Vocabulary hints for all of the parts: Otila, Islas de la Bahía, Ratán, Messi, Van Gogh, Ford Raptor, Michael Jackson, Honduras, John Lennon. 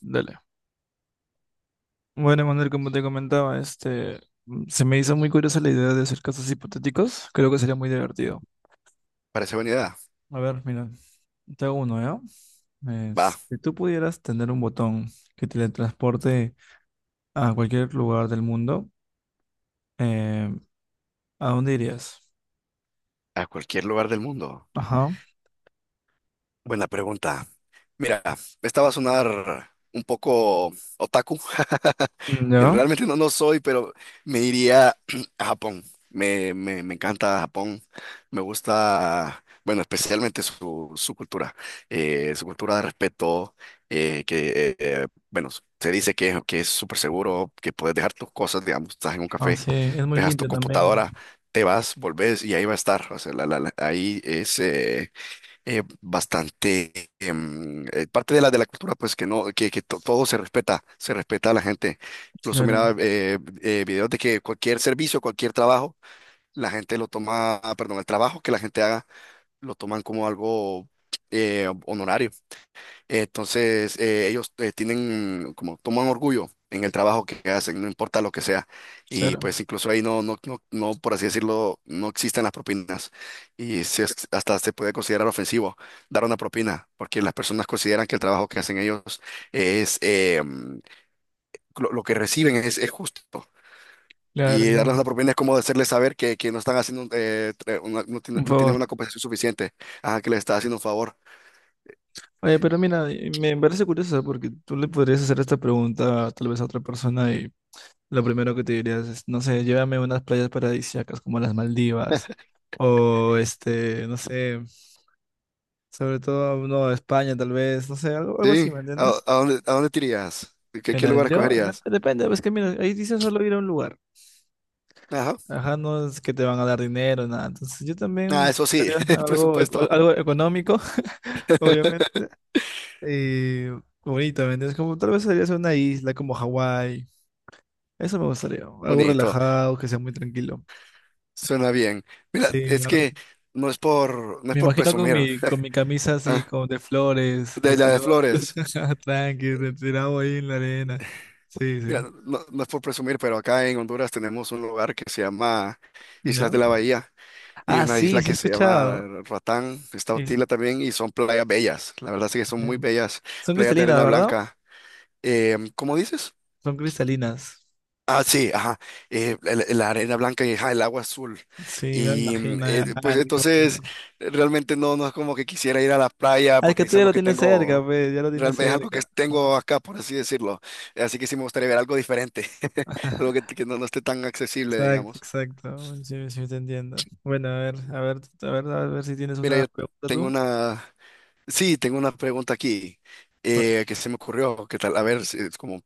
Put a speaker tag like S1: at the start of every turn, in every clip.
S1: Dale. Bueno, Manuel, como te comentaba, se me hizo muy curiosa la idea de hacer casos hipotéticos. Creo que sería muy divertido.
S2: Parece buena idea.
S1: A ver, mira, te hago uno, ¿ya?
S2: Va.
S1: Es, si tú pudieras tener un botón que te transporte a cualquier lugar del mundo, eh, ¿a dónde irías?
S2: A cualquier lugar del mundo.
S1: Ajá.
S2: Buena pregunta. Mira, esta va a sonar un poco otaku,
S1: Mm,
S2: que
S1: ¿ya?
S2: realmente no lo soy, pero me iría a Japón. Me encanta Japón. Me gusta, bueno, especialmente su cultura, su cultura de respeto, bueno, se dice que es súper seguro, que puedes dejar tus cosas, digamos, estás en un
S1: Ah,
S2: café,
S1: sí, es muy
S2: dejas tu
S1: limpio también.
S2: computadora, te vas, volvés y ahí va a estar. O sea, ahí es bastante parte de la cultura, pues que no, todo se respeta, se respeta a la gente. Incluso
S1: Claro,
S2: miraba videos de que cualquier servicio, cualquier trabajo la gente lo toma, perdón, el trabajo que la gente haga lo toman como algo honorario. Entonces, ellos tienen como toman orgullo en el trabajo que hacen, no importa lo que sea. Y
S1: claro,
S2: pues incluso ahí no, no, no, no, por así decirlo, no existen las propinas. Y se- Hasta se puede considerar ofensivo dar una propina, porque las personas consideran que el trabajo que hacen ellos es, lo que reciben es justo.
S1: claro.
S2: Y darles
S1: Ahí.
S2: una propina es como hacerles saber que no están haciendo, no,
S1: Un
S2: no tienen
S1: favor.
S2: una compensación suficiente, que les está haciendo un favor.
S1: Oye, pero mira, me parece curioso porque tú le podrías hacer esta pregunta tal vez a otra persona y lo primero que te dirías es, no sé, llévame a unas playas paradisíacas como las Maldivas. O este, no sé, sobre todo, no, España tal vez, no sé, algo, algo así,
S2: Sí,
S1: ¿me
S2: ¿a,
S1: entiendes?
S2: a dónde, a dónde te irías? ¿Qué
S1: Mira,
S2: lugar
S1: yo,
S2: escogerías?
S1: depende, es que mira, ahí dice solo ir a un lugar.
S2: Ajá.
S1: Ajá, no es que te van a dar dinero, nada. Entonces yo
S2: Ah,
S1: también
S2: eso sí,
S1: buscaría
S2: el
S1: algo,
S2: presupuesto.
S1: algo económico, obviamente. Y bonito, ¿me entiendes? Como tal vez sería una isla como Hawái. Eso me gustaría, algo
S2: Bonito,
S1: relajado, que sea muy tranquilo.
S2: suena bien. Mira,
S1: Sí,
S2: es que no es por, no es
S1: me
S2: por
S1: imagino con
S2: presumir.
S1: mi camisa así,
S2: Ah,
S1: con de flores, de
S2: de la de
S1: colores,
S2: Flores.
S1: tranqui, tirado ahí en la arena. Sí,
S2: Mira,
S1: sí.
S2: no, no es por presumir, pero acá en Honduras tenemos un lugar que se llama Islas
S1: ¿No?
S2: de la Bahía y
S1: Ah,
S2: una
S1: sí,
S2: isla
S1: sí he
S2: que se llama
S1: escuchado.
S2: Ratán. Está
S1: Es-
S2: Otila también y son playas bellas. La verdad sí que son muy
S1: em,
S2: bellas,
S1: son
S2: playas de
S1: cristalinas,
S2: arena
S1: ¿verdad?
S2: blanca. ¿Cómo dices?
S1: Son cristalinas.
S2: Ah, sí, ajá. La arena blanca y, ajá, el agua azul.
S1: Sí, me
S2: Y
S1: imagino. Ya.
S2: pues
S1: Ah, qué
S2: entonces
S1: bonito.
S2: realmente no, no es como que quisiera ir a la playa
S1: Ah, es
S2: porque
S1: que tú
S2: es
S1: ya
S2: algo
S1: lo
S2: que
S1: tienes cerca,
S2: tengo,
S1: pues, ya lo tienes
S2: realmente es algo que
S1: cerca. Ajá.
S2: tengo acá, por así decirlo. Así que sí me gustaría ver algo diferente, algo que, que no, no esté tan accesible,
S1: Exacto,
S2: digamos.
S1: exacto. Bueno, sí, sí, te entiendo. Bueno, a ver si tienes
S2: Mira,
S1: una
S2: yo
S1: pregunta
S2: tengo
S1: tú.
S2: una, sí, tengo una pregunta aquí,
S1: Bueno.
S2: que se me ocurrió, que tal, a ver, es como,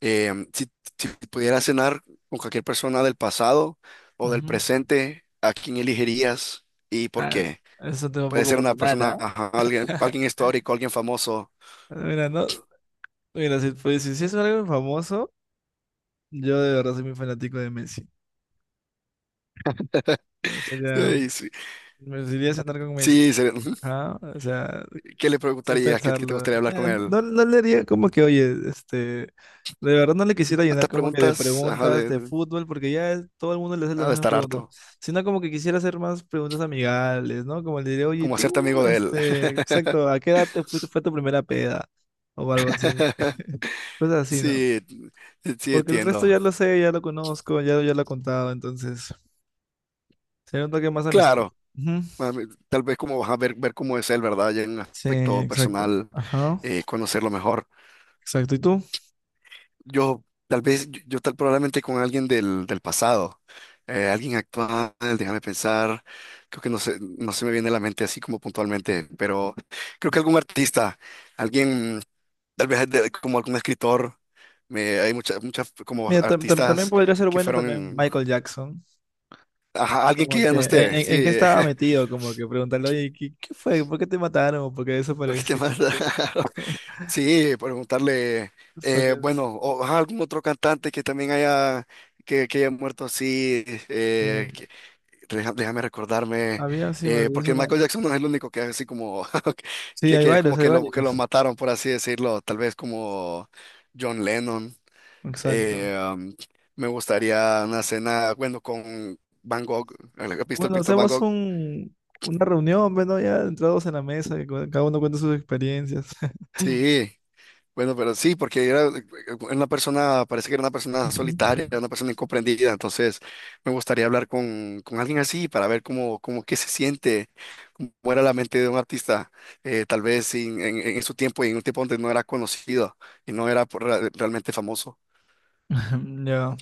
S2: Em, si, si pudieras cenar con cualquier persona del pasado o del
S1: Ujú.
S2: presente, ¿a quién elegirías y por
S1: Ah,
S2: qué?
S1: eso tengo un
S2: Puede
S1: poco
S2: ser una persona,
S1: personal.
S2: ajá, alguien histórico, alguien famoso.
S1: Ah, mira, no, mira, si, pues, si es algo famoso, yo de verdad soy muy fanático de Messi. O sea, ya,
S2: Ey, sí,
S1: me gustaría cenar con Messi.
S2: sí, ujú.
S1: Ajá, o sea,
S2: ¿Qué le
S1: sin
S2: preguntarías? ¿Qué te
S1: pensarlo.
S2: gustaría hablar con él?
S1: No, no le haría como que, oye, este, de verdad no le quisiera llenar
S2: Hasta
S1: como que de
S2: preguntas, ajá,
S1: preguntas de fútbol, porque todo el mundo le hace las
S2: ha de
S1: mismas
S2: estar harto,
S1: preguntas, sino como que quisiera hacer más preguntas amigables, ¿no? Como le diré, oye, ¿y
S2: como hacerte
S1: tú,
S2: amigo de él.
S1: este, exacto, ¿a qué edad te fuiste, fue tu primera peda? O algo así. Cosas así, ¿no?
S2: Sí, sí,
S1: Porque el resto
S2: entiendo.
S1: ya lo sé, ya lo conozco, ya, ya lo he contado, entonces sería un toque más
S2: Claro,
S1: amistoso. Ujú.
S2: a mí, tal vez, como vas a ver cómo es él, ¿verdad? Ya en un
S1: Sí,
S2: aspecto
S1: exacto.
S2: personal,
S1: Ajá,
S2: conocerlo mejor.
S1: exacto. ¿Y tú?
S2: Yo tal vez, yo tal probablemente con alguien del pasado, alguien actual, déjame pensar. Creo que no se me viene a la mente así como puntualmente, pero creo que algún artista, alguien, tal vez como algún escritor. Hay muchas como
S1: Mira, también
S2: artistas
S1: podría ser
S2: que
S1: bueno también
S2: fueron,
S1: Michael Jackson.
S2: ajá, alguien que
S1: Como
S2: ya
S1: que,
S2: no esté,
S1: ¿en qué
S2: sí,
S1: estaba metido? Como que preguntarle, oye, ¿qué fue? ¿Por qué te mataron? ¿O por qué
S2: porque qué más
S1: desapareciste?
S2: raro. Sí, preguntarle,
S1: Es porque,
S2: bueno, o ajá, algún otro cantante que también haya, que haya muerto así.
S1: eh,
S2: Déjame recordarme,
S1: había, sí, me olvidé
S2: porque
S1: su
S2: Michael
S1: nombre.
S2: Jackson no es el único que es así como,
S1: Sí,
S2: que,
S1: hay
S2: que es como
S1: varios, hay
S2: que lo, que
S1: varios.
S2: lo mataron, por así decirlo, tal vez como John Lennon.
S1: Exacto.
S2: eh, um, Me gustaría una cena, bueno, con Van Gogh, visto, el
S1: Bueno,
S2: pintor Van
S1: hacemos
S2: Gogh.
S1: un, una reunión, bueno, ya entrados en la mesa, y cada uno cuenta sus experiencias.
S2: Sí, bueno, pero sí, porque era, una persona, parece que era una persona
S1: Ujú.
S2: solitaria, era una persona incomprendida. Entonces me gustaría hablar con alguien así para ver cómo, cómo qué se siente, cómo era la mente de un artista, tal vez en, en su tiempo y en un tiempo donde no era conocido y no era, realmente famoso.
S1: Ya,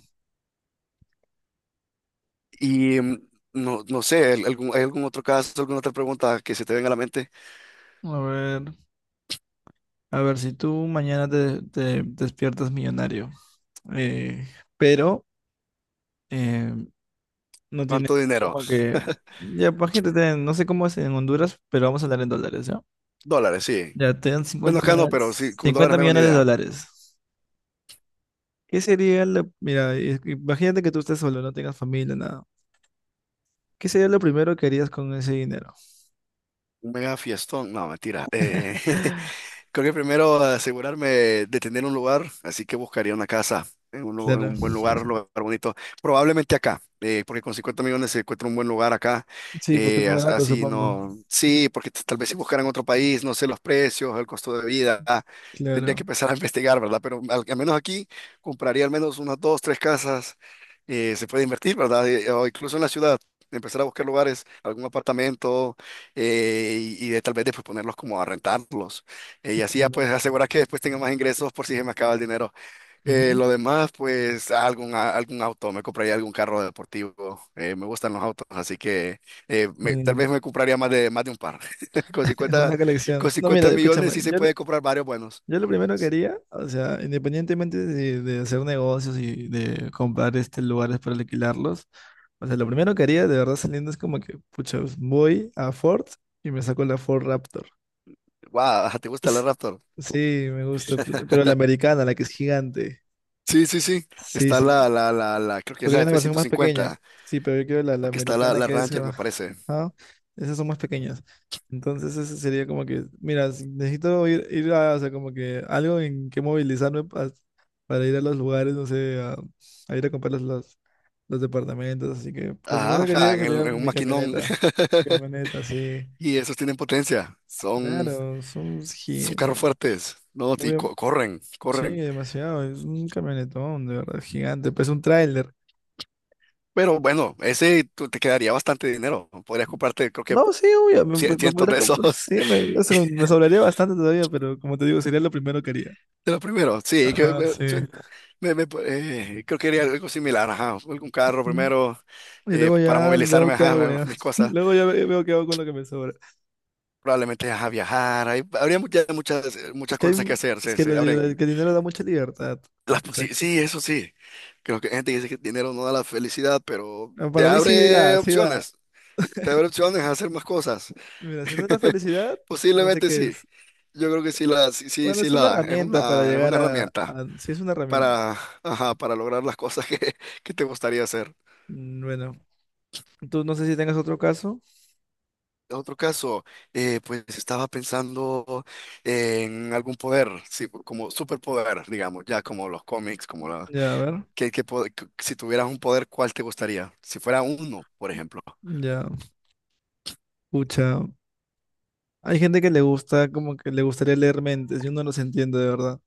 S2: Y no, no sé, algún, ¿hay algún otro caso, alguna otra pregunta que se te venga a la mente?
S1: a ver, a ver, si tú mañana te despiertas millonario, eh, pero eh, no tienes
S2: ¿Cuánto dinero?
S1: como que, ya, imagínate, te- no sé cómo es en Honduras, pero vamos a hablar en dólares, ¿ya?
S2: Dólares, sí.
S1: Ya, te dan
S2: Bueno,
S1: 50
S2: acá no, pero sí,
S1: millones,
S2: con dólares
S1: 50
S2: me hago una
S1: millones de
S2: idea.
S1: dólares. ¿Qué sería lo, mira, imagínate que tú estés solo, no tengas familia, nada. ¿Qué sería lo primero que harías con ese dinero?
S2: Un mega fiestón, no, mentira. Creo que primero asegurarme de tener un lugar, así que buscaría una casa en
S1: Claro.
S2: un buen lugar, un lugar bonito, probablemente acá, porque con 50 millones se encuentra un buen lugar acá.
S1: Sí, porque no es barato,
S2: Así
S1: supongo.
S2: no, sí, porque tal vez, si buscaran otro país, no sé los precios, el costo de vida, tendría que
S1: Claro,
S2: empezar a investigar, ¿verdad? Pero, al menos aquí, compraría al menos unas dos, tres casas. Se puede invertir, ¿verdad? O incluso en la ciudad, empezar a buscar lugares, algún apartamento, y tal vez después, ponerlos como a rentarlos. Y así ya, pues,
S1: claro.
S2: asegurar que después tenga más ingresos por si se me acaba el dinero.
S1: Ujú.
S2: Lo demás, pues algún, algún auto, me compraría algún carro deportivo. Me gustan los autos, así que, tal
S1: Sí.
S2: vez me compraría más de un par. Con
S1: Es
S2: 50
S1: una colección.
S2: con
S1: No, mira,
S2: 50 millones
S1: escúchame,
S2: sí se
S1: yo, lo-
S2: puede comprar varios buenos.
S1: yo lo primero que haría, o sea, independientemente de hacer negocios y de comprar este lugares para alquilarlos, o sea, lo primero que haría de verdad saliendo es como que, pucha, pues, voy a Ford y me saco la Ford Raptor.
S2: Wow, ¿te gusta la
S1: S-
S2: Raptor?
S1: Sí, me gusta, pero la americana, la que es gigante.
S2: Sí, sí, sí.
S1: Sí,
S2: Está
S1: sí,
S2: creo que es
S1: Porque hay
S2: la
S1: una
S2: f
S1: versión
S2: ciento
S1: más pequeña.
S2: cincuenta
S1: Sí, pero yo quiero la
S2: porque está la,
S1: americana
S2: la
S1: que es...
S2: Ranger, me
S1: ah,
S2: parece.
S1: ajá. Esas son más pequeñas. Entonces ese sería como que, mira, si necesito ir a, o sea, como que algo en que movilizarme para ir a los lugares, no sé, a ir a comprar los departamentos. Así que lo
S2: Ajá,
S1: primero que
S2: ajá,
S1: hacía sería
S2: en un
S1: mi
S2: maquinón.
S1: camioneta. Camioneta, sí.
S2: Y esos tienen potencia. Son
S1: Claro, son
S2: Son carros
S1: gigantes
S2: fuertes, ¿no? Y
S1: muy, am-
S2: corren,
S1: sí,
S2: corren.
S1: demasiado. Es un camionetón, de verdad, gigante. Pues un tráiler.
S2: Pero bueno, ese, te quedaría bastante dinero, ¿no? Podrías comprarte, creo que
S1: No, sí, obvio, me
S2: cientos
S1: podría
S2: de
S1: comprar
S2: esos,
S1: sí, me, eso me sobraría bastante todavía, pero como te digo, sería lo primero que haría.
S2: de los primeros. Sí, que
S1: Ajá,
S2: me-
S1: sí.
S2: suen- me- me- creo que haría algo similar, ajá. Algún carro
S1: Mm,
S2: primero,
S1: y luego
S2: para
S1: ya veo
S2: movilizarme,
S1: qué
S2: ajá,
S1: hago, ya.
S2: mis cosas.
S1: Luego veo qué hago con lo que me sobra.
S2: Probablemente, ajá, viajar. Habría
S1: Es
S2: muchas
S1: que, hay,
S2: cosas que hacer.
S1: es
S2: Se,
S1: que, lo
S2: se
S1: liber-
S2: abren
S1: que el dinero da mucha libertad.
S2: las posibilidades.
S1: Exacto.
S2: Sí, sí, eso sí. Creo que hay gente que dice que el dinero no da la felicidad, pero
S1: Ah,
S2: te
S1: para mí sí da,
S2: abre
S1: sí da.
S2: opciones. Te abre opciones a hacer más cosas.
S1: Mira, si no es la felicidad, no sé
S2: Posiblemente
S1: qué
S2: sí.
S1: es.
S2: Yo creo que sí la, sí, sí,
S1: Bueno,
S2: sí
S1: es
S2: la
S1: una
S2: da. Es
S1: herramienta para
S2: una, es
S1: llegar
S2: una herramienta
S1: a... Sí, es una herramienta.
S2: para, ajá, para lograr las cosas que, que te gustaría hacer.
S1: Mm, bueno, tú no sé si tengas otro caso.
S2: Otro caso, pues estaba pensando en algún poder, sí, como superpoder, digamos, ya, como los cómics, como la,
S1: Ya, a ver.
S2: que po- que- si tuvieras un poder, ¿cuál te gustaría? Si fuera uno, por ejemplo.
S1: Ya, pucha. Hay gente que le gusta, como que le gustaría leer mentes, yo no los entiendo de verdad.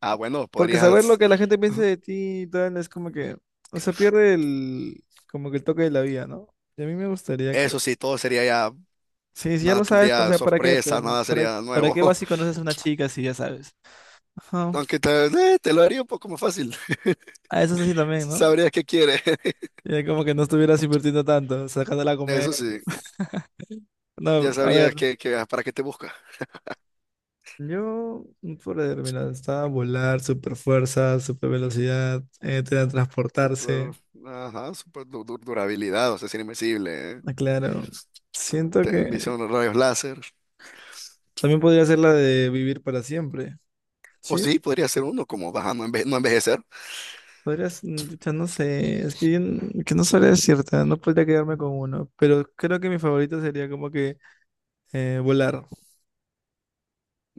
S2: Ah, bueno,
S1: Porque saber lo
S2: podrías,
S1: que la gente piensa de ti y tal es como que, o sea, como que el toque de la vida, ¿no? Y a mí me gustaría, creo.
S2: eso sí, todo sería ya,
S1: Sí, si ya
S2: nada
S1: lo sabes, o
S2: tendría
S1: sea, ¿para qué? Pues,
S2: sorpresa, nada sería
S1: ¿Para
S2: nuevo.
S1: qué vas y conoces a una chica si ya sabes? Ajá.
S2: Aunque te lo haría un poco más fácil.
S1: A eso es así también, ¿no?
S2: Sabrías qué quiere.
S1: Y como que no estuvieras invirtiendo tanto, sacándola a
S2: Eso
S1: comer.
S2: sí, ya
S1: No, a ver,
S2: sabrías que, para qué te busca.
S1: yo, por determinado, está volar, super fuerza, super velocidad, teletransportarse.
S2: Super, ajá, super, durabilidad, o sea, es invencible, ¿eh?
S1: Ah, claro, siento que
S2: Visión de rayos láser.
S1: también podría ser la de vivir para siempre.
S2: O
S1: Sí,
S2: sí, podría ser uno como baja, no, no envejecer.
S1: podrías, mm, pucha, no sé, es que, que no sabría decirte, no podría quedarme con uno, pero creo que mi favorito sería como que volar.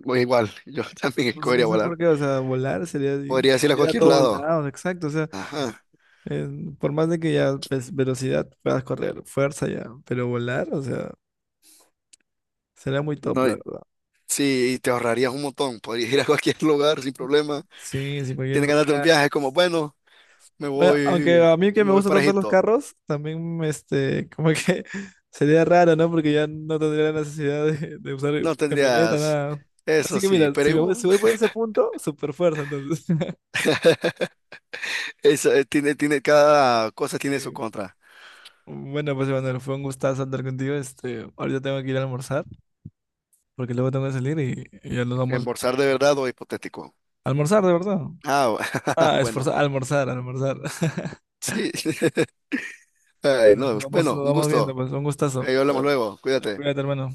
S2: O igual, yo también
S1: No sé, no
S2: escogería
S1: sé
S2: volar.
S1: por qué, o sea, volar sería
S2: Podrías ir a
S1: ir a
S2: cualquier
S1: todos
S2: lado.
S1: lados, exacto, o sea,
S2: Ajá.
S1: eh, por más de que ya pues, velocidad puedas correr, fuerza ya, pero volar, o sea, sería muy top,
S2: No,
S1: la verdad.
S2: sí, y te ahorrarías un montón. Podrías ir a cualquier lugar sin problema.
S1: Sí, sin cualquier
S2: Tienes ganas de un
S1: lugar.
S2: viaje, como, bueno, me
S1: Oye, aunque
S2: voy,
S1: a mí que
S2: me
S1: me
S2: voy
S1: gustan
S2: para
S1: tanto los
S2: Egipto.
S1: carros, también este, como que sería raro, ¿no? Porque ya no tendría la necesidad de usar
S2: No
S1: camioneta,
S2: tendrías,
S1: nada. Así
S2: eso
S1: que
S2: sí,
S1: mira,
S2: pero igual.
S1: si voy por ese punto, super fuerza, entonces.
S2: Tiene, cada cosa tiene su
S1: Sí.
S2: contra.
S1: Bueno, pues Emanuel, fue un gustazo andar contigo. Este, ahorita tengo que ir a almorzar, porque luego tengo que salir y ya nos vamos
S2: Embolsar de verdad o hipotético.
S1: a almorzar, de verdad.
S2: Ah,
S1: Ah,
S2: bueno,
S1: esforzar, almorzar.
S2: sí. Ay,
S1: Bueno,
S2: no, bueno,
S1: nos
S2: un
S1: vamos viendo,
S2: gusto.
S1: pues un gustazo.
S2: Ahí
S1: Nos
S2: hablamos
S1: vemos.
S2: luego. Cuídate.
S1: Cuídate, hermano.